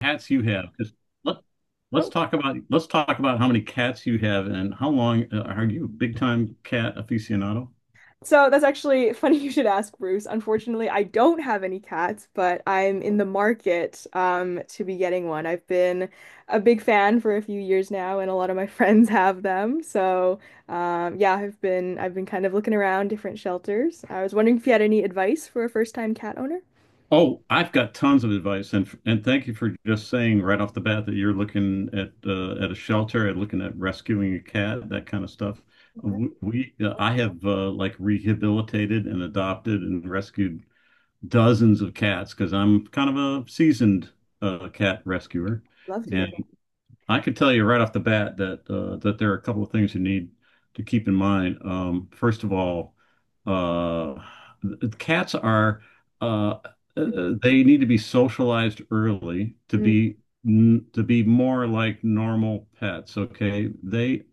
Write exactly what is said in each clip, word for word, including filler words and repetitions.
Cats you have. 'Cause let, let's Oh, talk about let's talk about how many cats you have and how long uh, are you a big time cat aficionado? so that's actually funny you should ask, Bruce. Unfortunately, I don't have any cats, but I'm in the market um, to be getting one. I've been a big fan for a few years now, and a lot of my friends have them. So um, yeah, I've been I've been kind of looking around different shelters. I was wondering if you had any advice for a first-time cat owner. Oh, I've got tons of advice, and and thank you for just saying right off the bat that you're looking at uh, at a shelter, at looking at rescuing a cat, that kind of stuff. Yeah, W- We, uh, I have uh, like rehabilitated and adopted and rescued dozens of cats because I'm kind of a seasoned uh, cat rescuer. love to hear it. I can tell you right off the bat that uh, that there are a couple of things you need to keep in mind. Um, first of all, uh, th- cats are uh, uh, uh, they need to be socialized early to Mm, be n- to be more like normal pets. Okay, they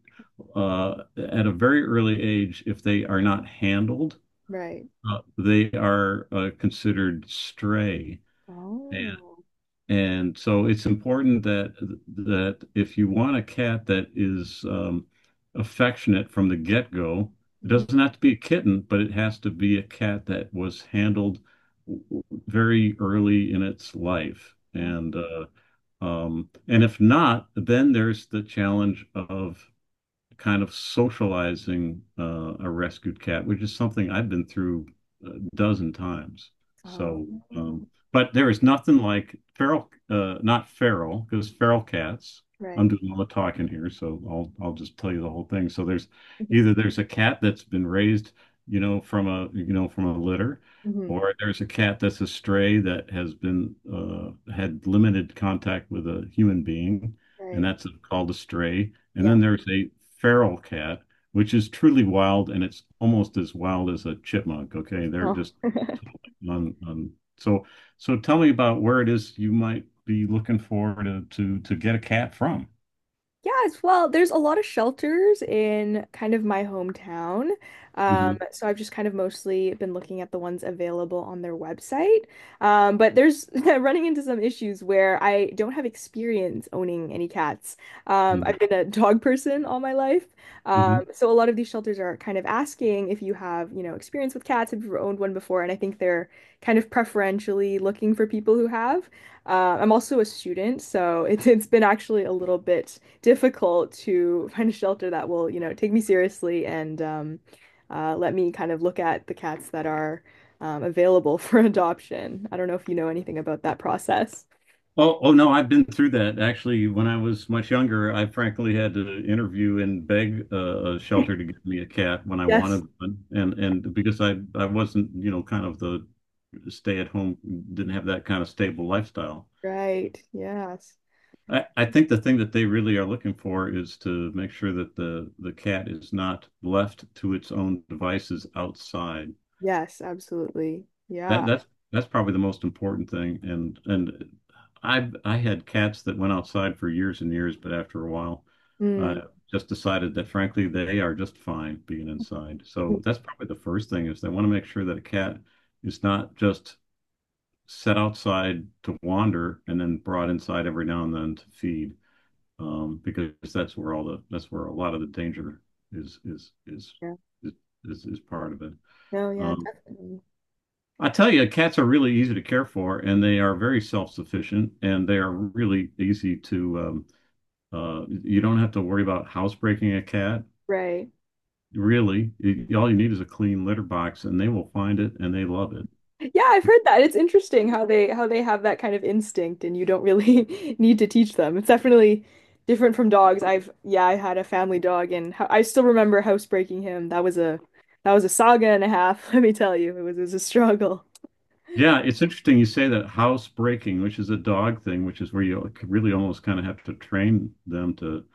uh, at a very early age, if they are not handled, right. uh, they are uh, considered stray. Oh. And so it's important that that if you want a cat that is um, affectionate from the get-go, it Mhm. doesn't have to be a kitten, but it has to be a cat that was handled w- very early in its life. Oh. And uh, um, and if not, then there's the challenge of kind of socializing uh, a rescued cat, which is something I've been through a dozen times. Oh. So, um, but there is nothing like feral, uh, not feral, because feral cats. I'm Right. doing all the talking here, so I'll I'll just tell you the whole thing. So there's Mhm. either there's a cat that's been raised, you know, from a you know from a litter, Mhm. or there's a cat that's a stray that has been uh, had limited contact with a human being, and Right. that's called a stray, and Yeah. then there's a feral cat, which is truly wild, and it's almost as wild as a chipmunk. Okay, they're Oh. just totally on, on. So, so tell me about where it is you might be looking for to to to get a cat from. Yes, well, there's a lot of shelters in kind of my hometown. Um, Hmm. so I've just kind of mostly been looking at the ones available on their website. Um, but there's running into some issues where I don't have experience owning any cats. Um, I've been a dog person all my life. Um, Hmm. so a lot of these shelters are kind of asking if you have, you know, experience with cats, have you ever owned one before? And I think they're kind of preferentially looking for people who have. Uh, I'm also a student, so it's it's been actually a little bit difficult to find a shelter that will, you know, take me seriously and um, uh, let me kind of look at the cats that are um, available for adoption. I don't know if you know anything about that process. Oh, oh no, I've been through that actually. When I was much younger, I frankly had to interview and beg uh, a shelter to give me a cat when I Yes. wanted one, and and because I I wasn't, you know kind of the stay at home, didn't have that kind of stable lifestyle. Right. Yes. I, I think the thing that they really are looking for is to make sure that the the cat is not left to its own devices outside. Yes, absolutely. That Yeah. That's that's probably the most important thing. And and I I had cats that went outside for years and years, but after a while, I Mm. just decided that frankly they are just fine being inside. So that's probably the first thing is they want to make sure that a cat is not just set outside to wander and then brought inside every now and then to feed, um, because that's where all the that's where a lot of the danger is is is Yeah. is, is is part of it. No, yeah, Um, definitely. I tell you, cats are really easy to care for, and they are very self-sufficient, and they are really easy to. Um, uh, you don't have to worry about housebreaking a cat. Right. Really, it, all you need is a clean litter box, and they will find it and they love Yeah, I've it. heard that. It's interesting how they how they have that kind of instinct and you don't really need to teach them. It's definitely different from dogs. I've yeah, I had a family dog and ho I still remember housebreaking him. That was a that was a saga and a half, let me tell you. It was it was a struggle. Yeah, it's interesting you say that house breaking, which is a dog thing, which is where you really almost kind of have to train them to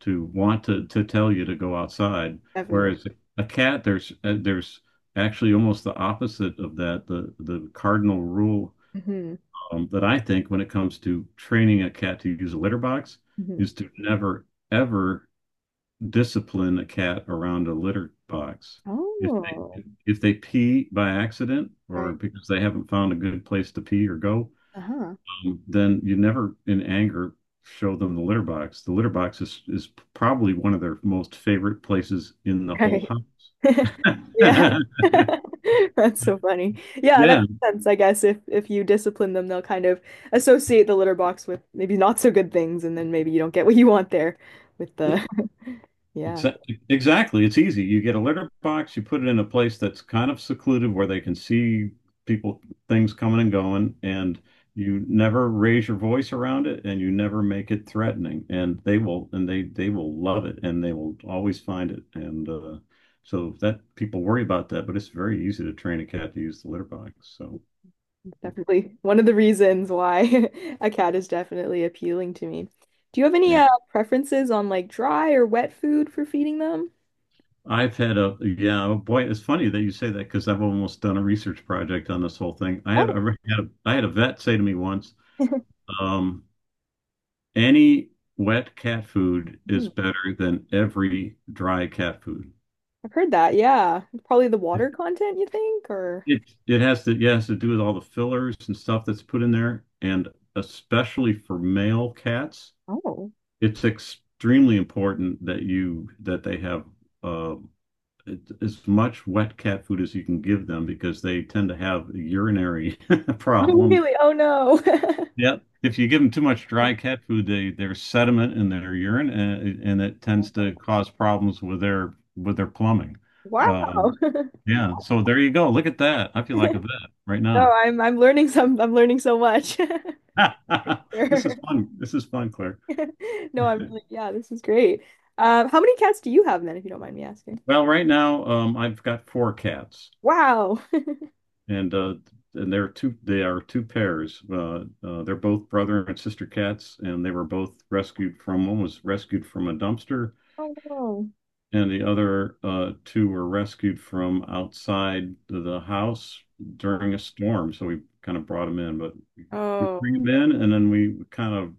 to want to to tell you to go outside. Definitely. Whereas a cat, there's uh, there's actually almost the opposite of that, the the cardinal rule Hmm. um, that I think when it comes to training a cat to use a litter box Hmm. is to never ever discipline a cat around a litter box. If they Oh, if they pee by accident or right. because they haven't found a good place to pee or go, Uh-huh. um, then you never in anger show them the litter box. The litter box is is probably one of their most favorite places in the whole Right. house. Yeah. That's so funny. Yeah, that makes sense, I guess. If if you discipline them, they'll kind of associate the litter box with maybe not so good things, and then maybe you don't get what you want there with Yeah. the. Yeah, Exactly. Exactly. It's easy. You get a litter box, you put it in a place that's kind of secluded where they can see people, things coming and going, and you never raise your voice around it and you never make it threatening. And they will, and they they will love it and they will always find it. And uh, so that people worry about that, but it's very easy to train a cat to use the litter box. So definitely one of the reasons why a cat is definitely appealing to me. Do you have any yeah, uh, preferences on like dry or wet food for feeding them? I've had a yeah, oh boy, it's funny that you say that because I've almost done a research project on this whole thing. I had I Oh, had a, I had a vet say to me once. Um, any wet cat food is hmm. better than every dry cat food. I've heard that. Yeah. Probably the water content, you think, or. It it has to Yeah, it has to do with all the fillers and stuff that's put in there, and especially for male cats, Oh. it's extremely important that you that they have uh, it- as much wet cat food as you can give them because they tend to have urinary Oh, problems. really? Oh no. Yeah. If you give them too much dry cat food, they there's sediment in their urine, and, it- and it tends Oh, to cause problems with their with their plumbing. wow. Um, yeah. So there you go. Look at that. I feel like a vet right No, now. I'm I'm learning some I'm learning so much. This is Sure. fun. This is fun, Claire. No, I'm really yeah, this is great. Um, how many cats do you have then, if you don't mind me asking? Well, right now, um, I've got four cats, Wow. and uh, and they're two. They are two pairs. Uh, uh, they're both brother and sister cats, and they were both rescued from. One was rescued from a dumpster Oh no. and the other uh, two were rescued from outside the house during a storm. So we kind of brought them in, but we Oh, bring them in and then we kind of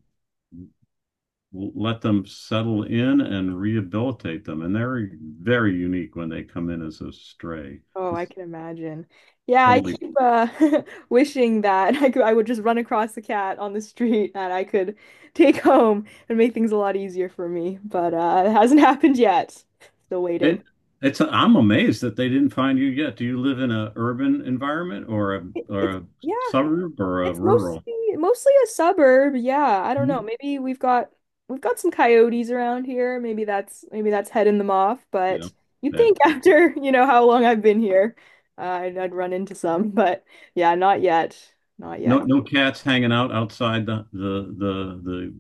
let them settle in and rehabilitate them. And they're very unique when they come in as a stray. oh, I It's can imagine. Yeah, I totally keep uh wishing that I could I would just run across a cat on the street that I could take home and make things a lot easier for me. But uh it hasn't happened yet. Still waiting. it. It's, I'm amazed that they didn't find you yet. Do you live in an urban environment or a It- or It's a yeah. suburb or a It's rural? mostly mostly a suburb. Yeah, I don't know. Mhm. Maybe we've got we've got some coyotes around here. Maybe that's maybe that's heading them off, Yeah, but you'd that. think after, you know, how long I've been here, uh, I'd, I'd run into some, but yeah, not yet. Not No, yet. no cats hanging out outside the the the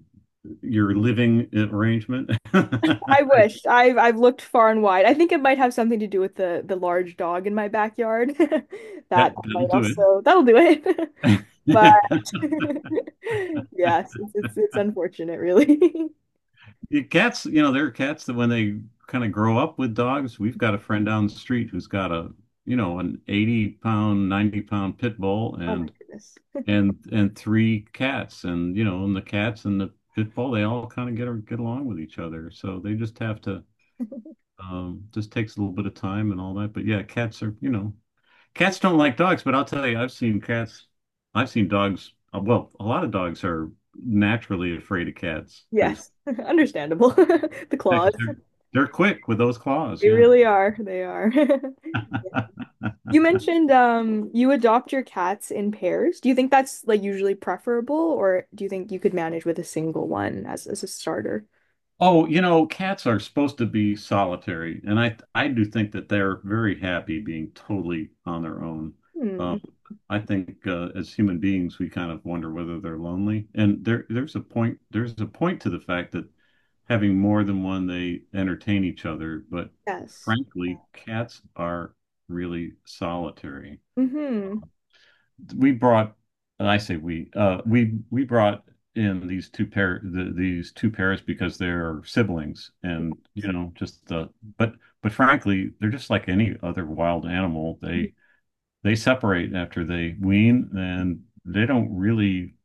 the your living arrangement. I I- wish. I've I've looked far and wide. I think it might have something to do with the the large dog in my backyard. That That might that'll do it. also that'll do it. But yes, it's it's, it's unfortunate, really. Your cats, you know, there are cats that when they kind of grow up with dogs, we've got a friend down the street who's got a, you know, an eighty pound, ninety pound pit bull Oh my and goodness. and and three cats, and you know, and the cats and the pit bull, they all kind of get get along with each other. So they just have to, um just takes a little bit of time and all that. But yeah, cats are, you know, cats don't like dogs, but I'll tell you, I've seen cats. I've seen dogs. uh, Well, a lot of dogs are naturally afraid of cats because Yes, understandable. The yeah, claws. 'cause they're they're quick with those claws. They Yeah. really are. They are. You mentioned um you adopt your cats in pairs. Do you think that's like usually preferable or do you think you could manage with a single one as as a starter? Oh, you know, cats are supposed to be solitary, and I I do think that they're very happy being totally on their own. Hmm. Um, I think uh, as human beings, we kind of wonder whether they're lonely, and there there's a point, there's a point to the fact that having more than one, they entertain each other. But Yes. frankly, cats are really solitary. Mm-hmm. We brought, and I say we, uh, we we brought in these two pair the, these two pairs because they're siblings, and you know, just the but but frankly, they're just like any other wild animal. They they separate after they wean, and they don't really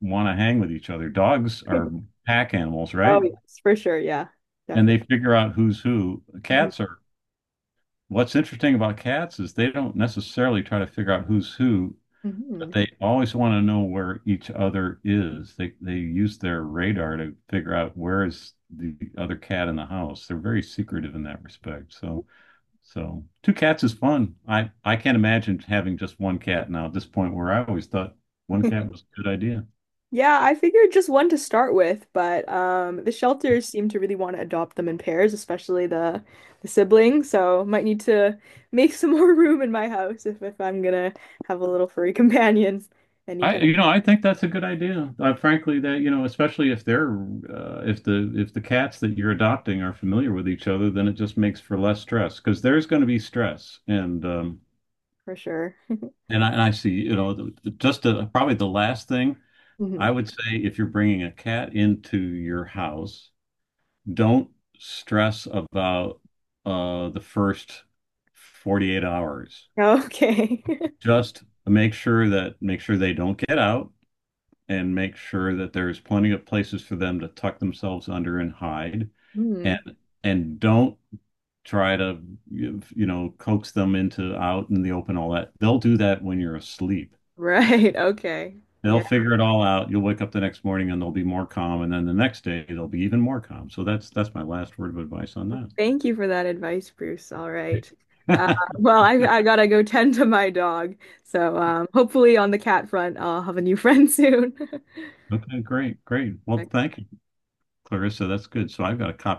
want to hang with each other. Dogs are pack animals, Oh right? yes, for sure. Yeah. And they Definitely. figure out who's who. Hmm. Cats are. What's interesting about cats is they don't necessarily try to figure out who's who. Hmm. But they always want to know where each other is. They they use their radar to figure out where is the other cat in the house. They're very secretive in that respect. So, so two cats is fun. I I can't imagine having just one cat now at this point where I always thought one cat was a good idea. Yeah, I figured just one to start with, but um, the shelters seem to really want to adopt them in pairs, especially the the siblings. So might need to make some more room in my house if, if I'm gonna have a little furry companion I anytime You know, I think that's a good idea. Uh, frankly, that you know, especially if they're uh, if the if the cats that you're adopting are familiar with each other, then it just makes for less stress because there's going to be stress and. Um, for sure. And I, and I see, you know, the, the- just the, probably the last thing Mhm. I would say if you're bringing a cat into your house, don't stress about uh, the first forty-eight hours. Okay. Just make sure that Make sure they don't get out and make sure that there's plenty of places for them to tuck themselves under and hide. Hmm. And and don't try to, you know, coax them into out in the open all that. They'll do that when you're asleep. Right. Okay. They'll Yeah. figure it all out. You'll wake up the next morning and they'll be more calm, and then the next day they'll be even more calm. So that's that's my last word of advice on Thank you for that advice, Bruce. All right. Uh, that. well, I I gotta go tend to my dog. So um, hopefully on the cat front, I'll have a new friend soon. Okay, great, great. Well, thank you, Clarissa. That's good. So I've got a copy.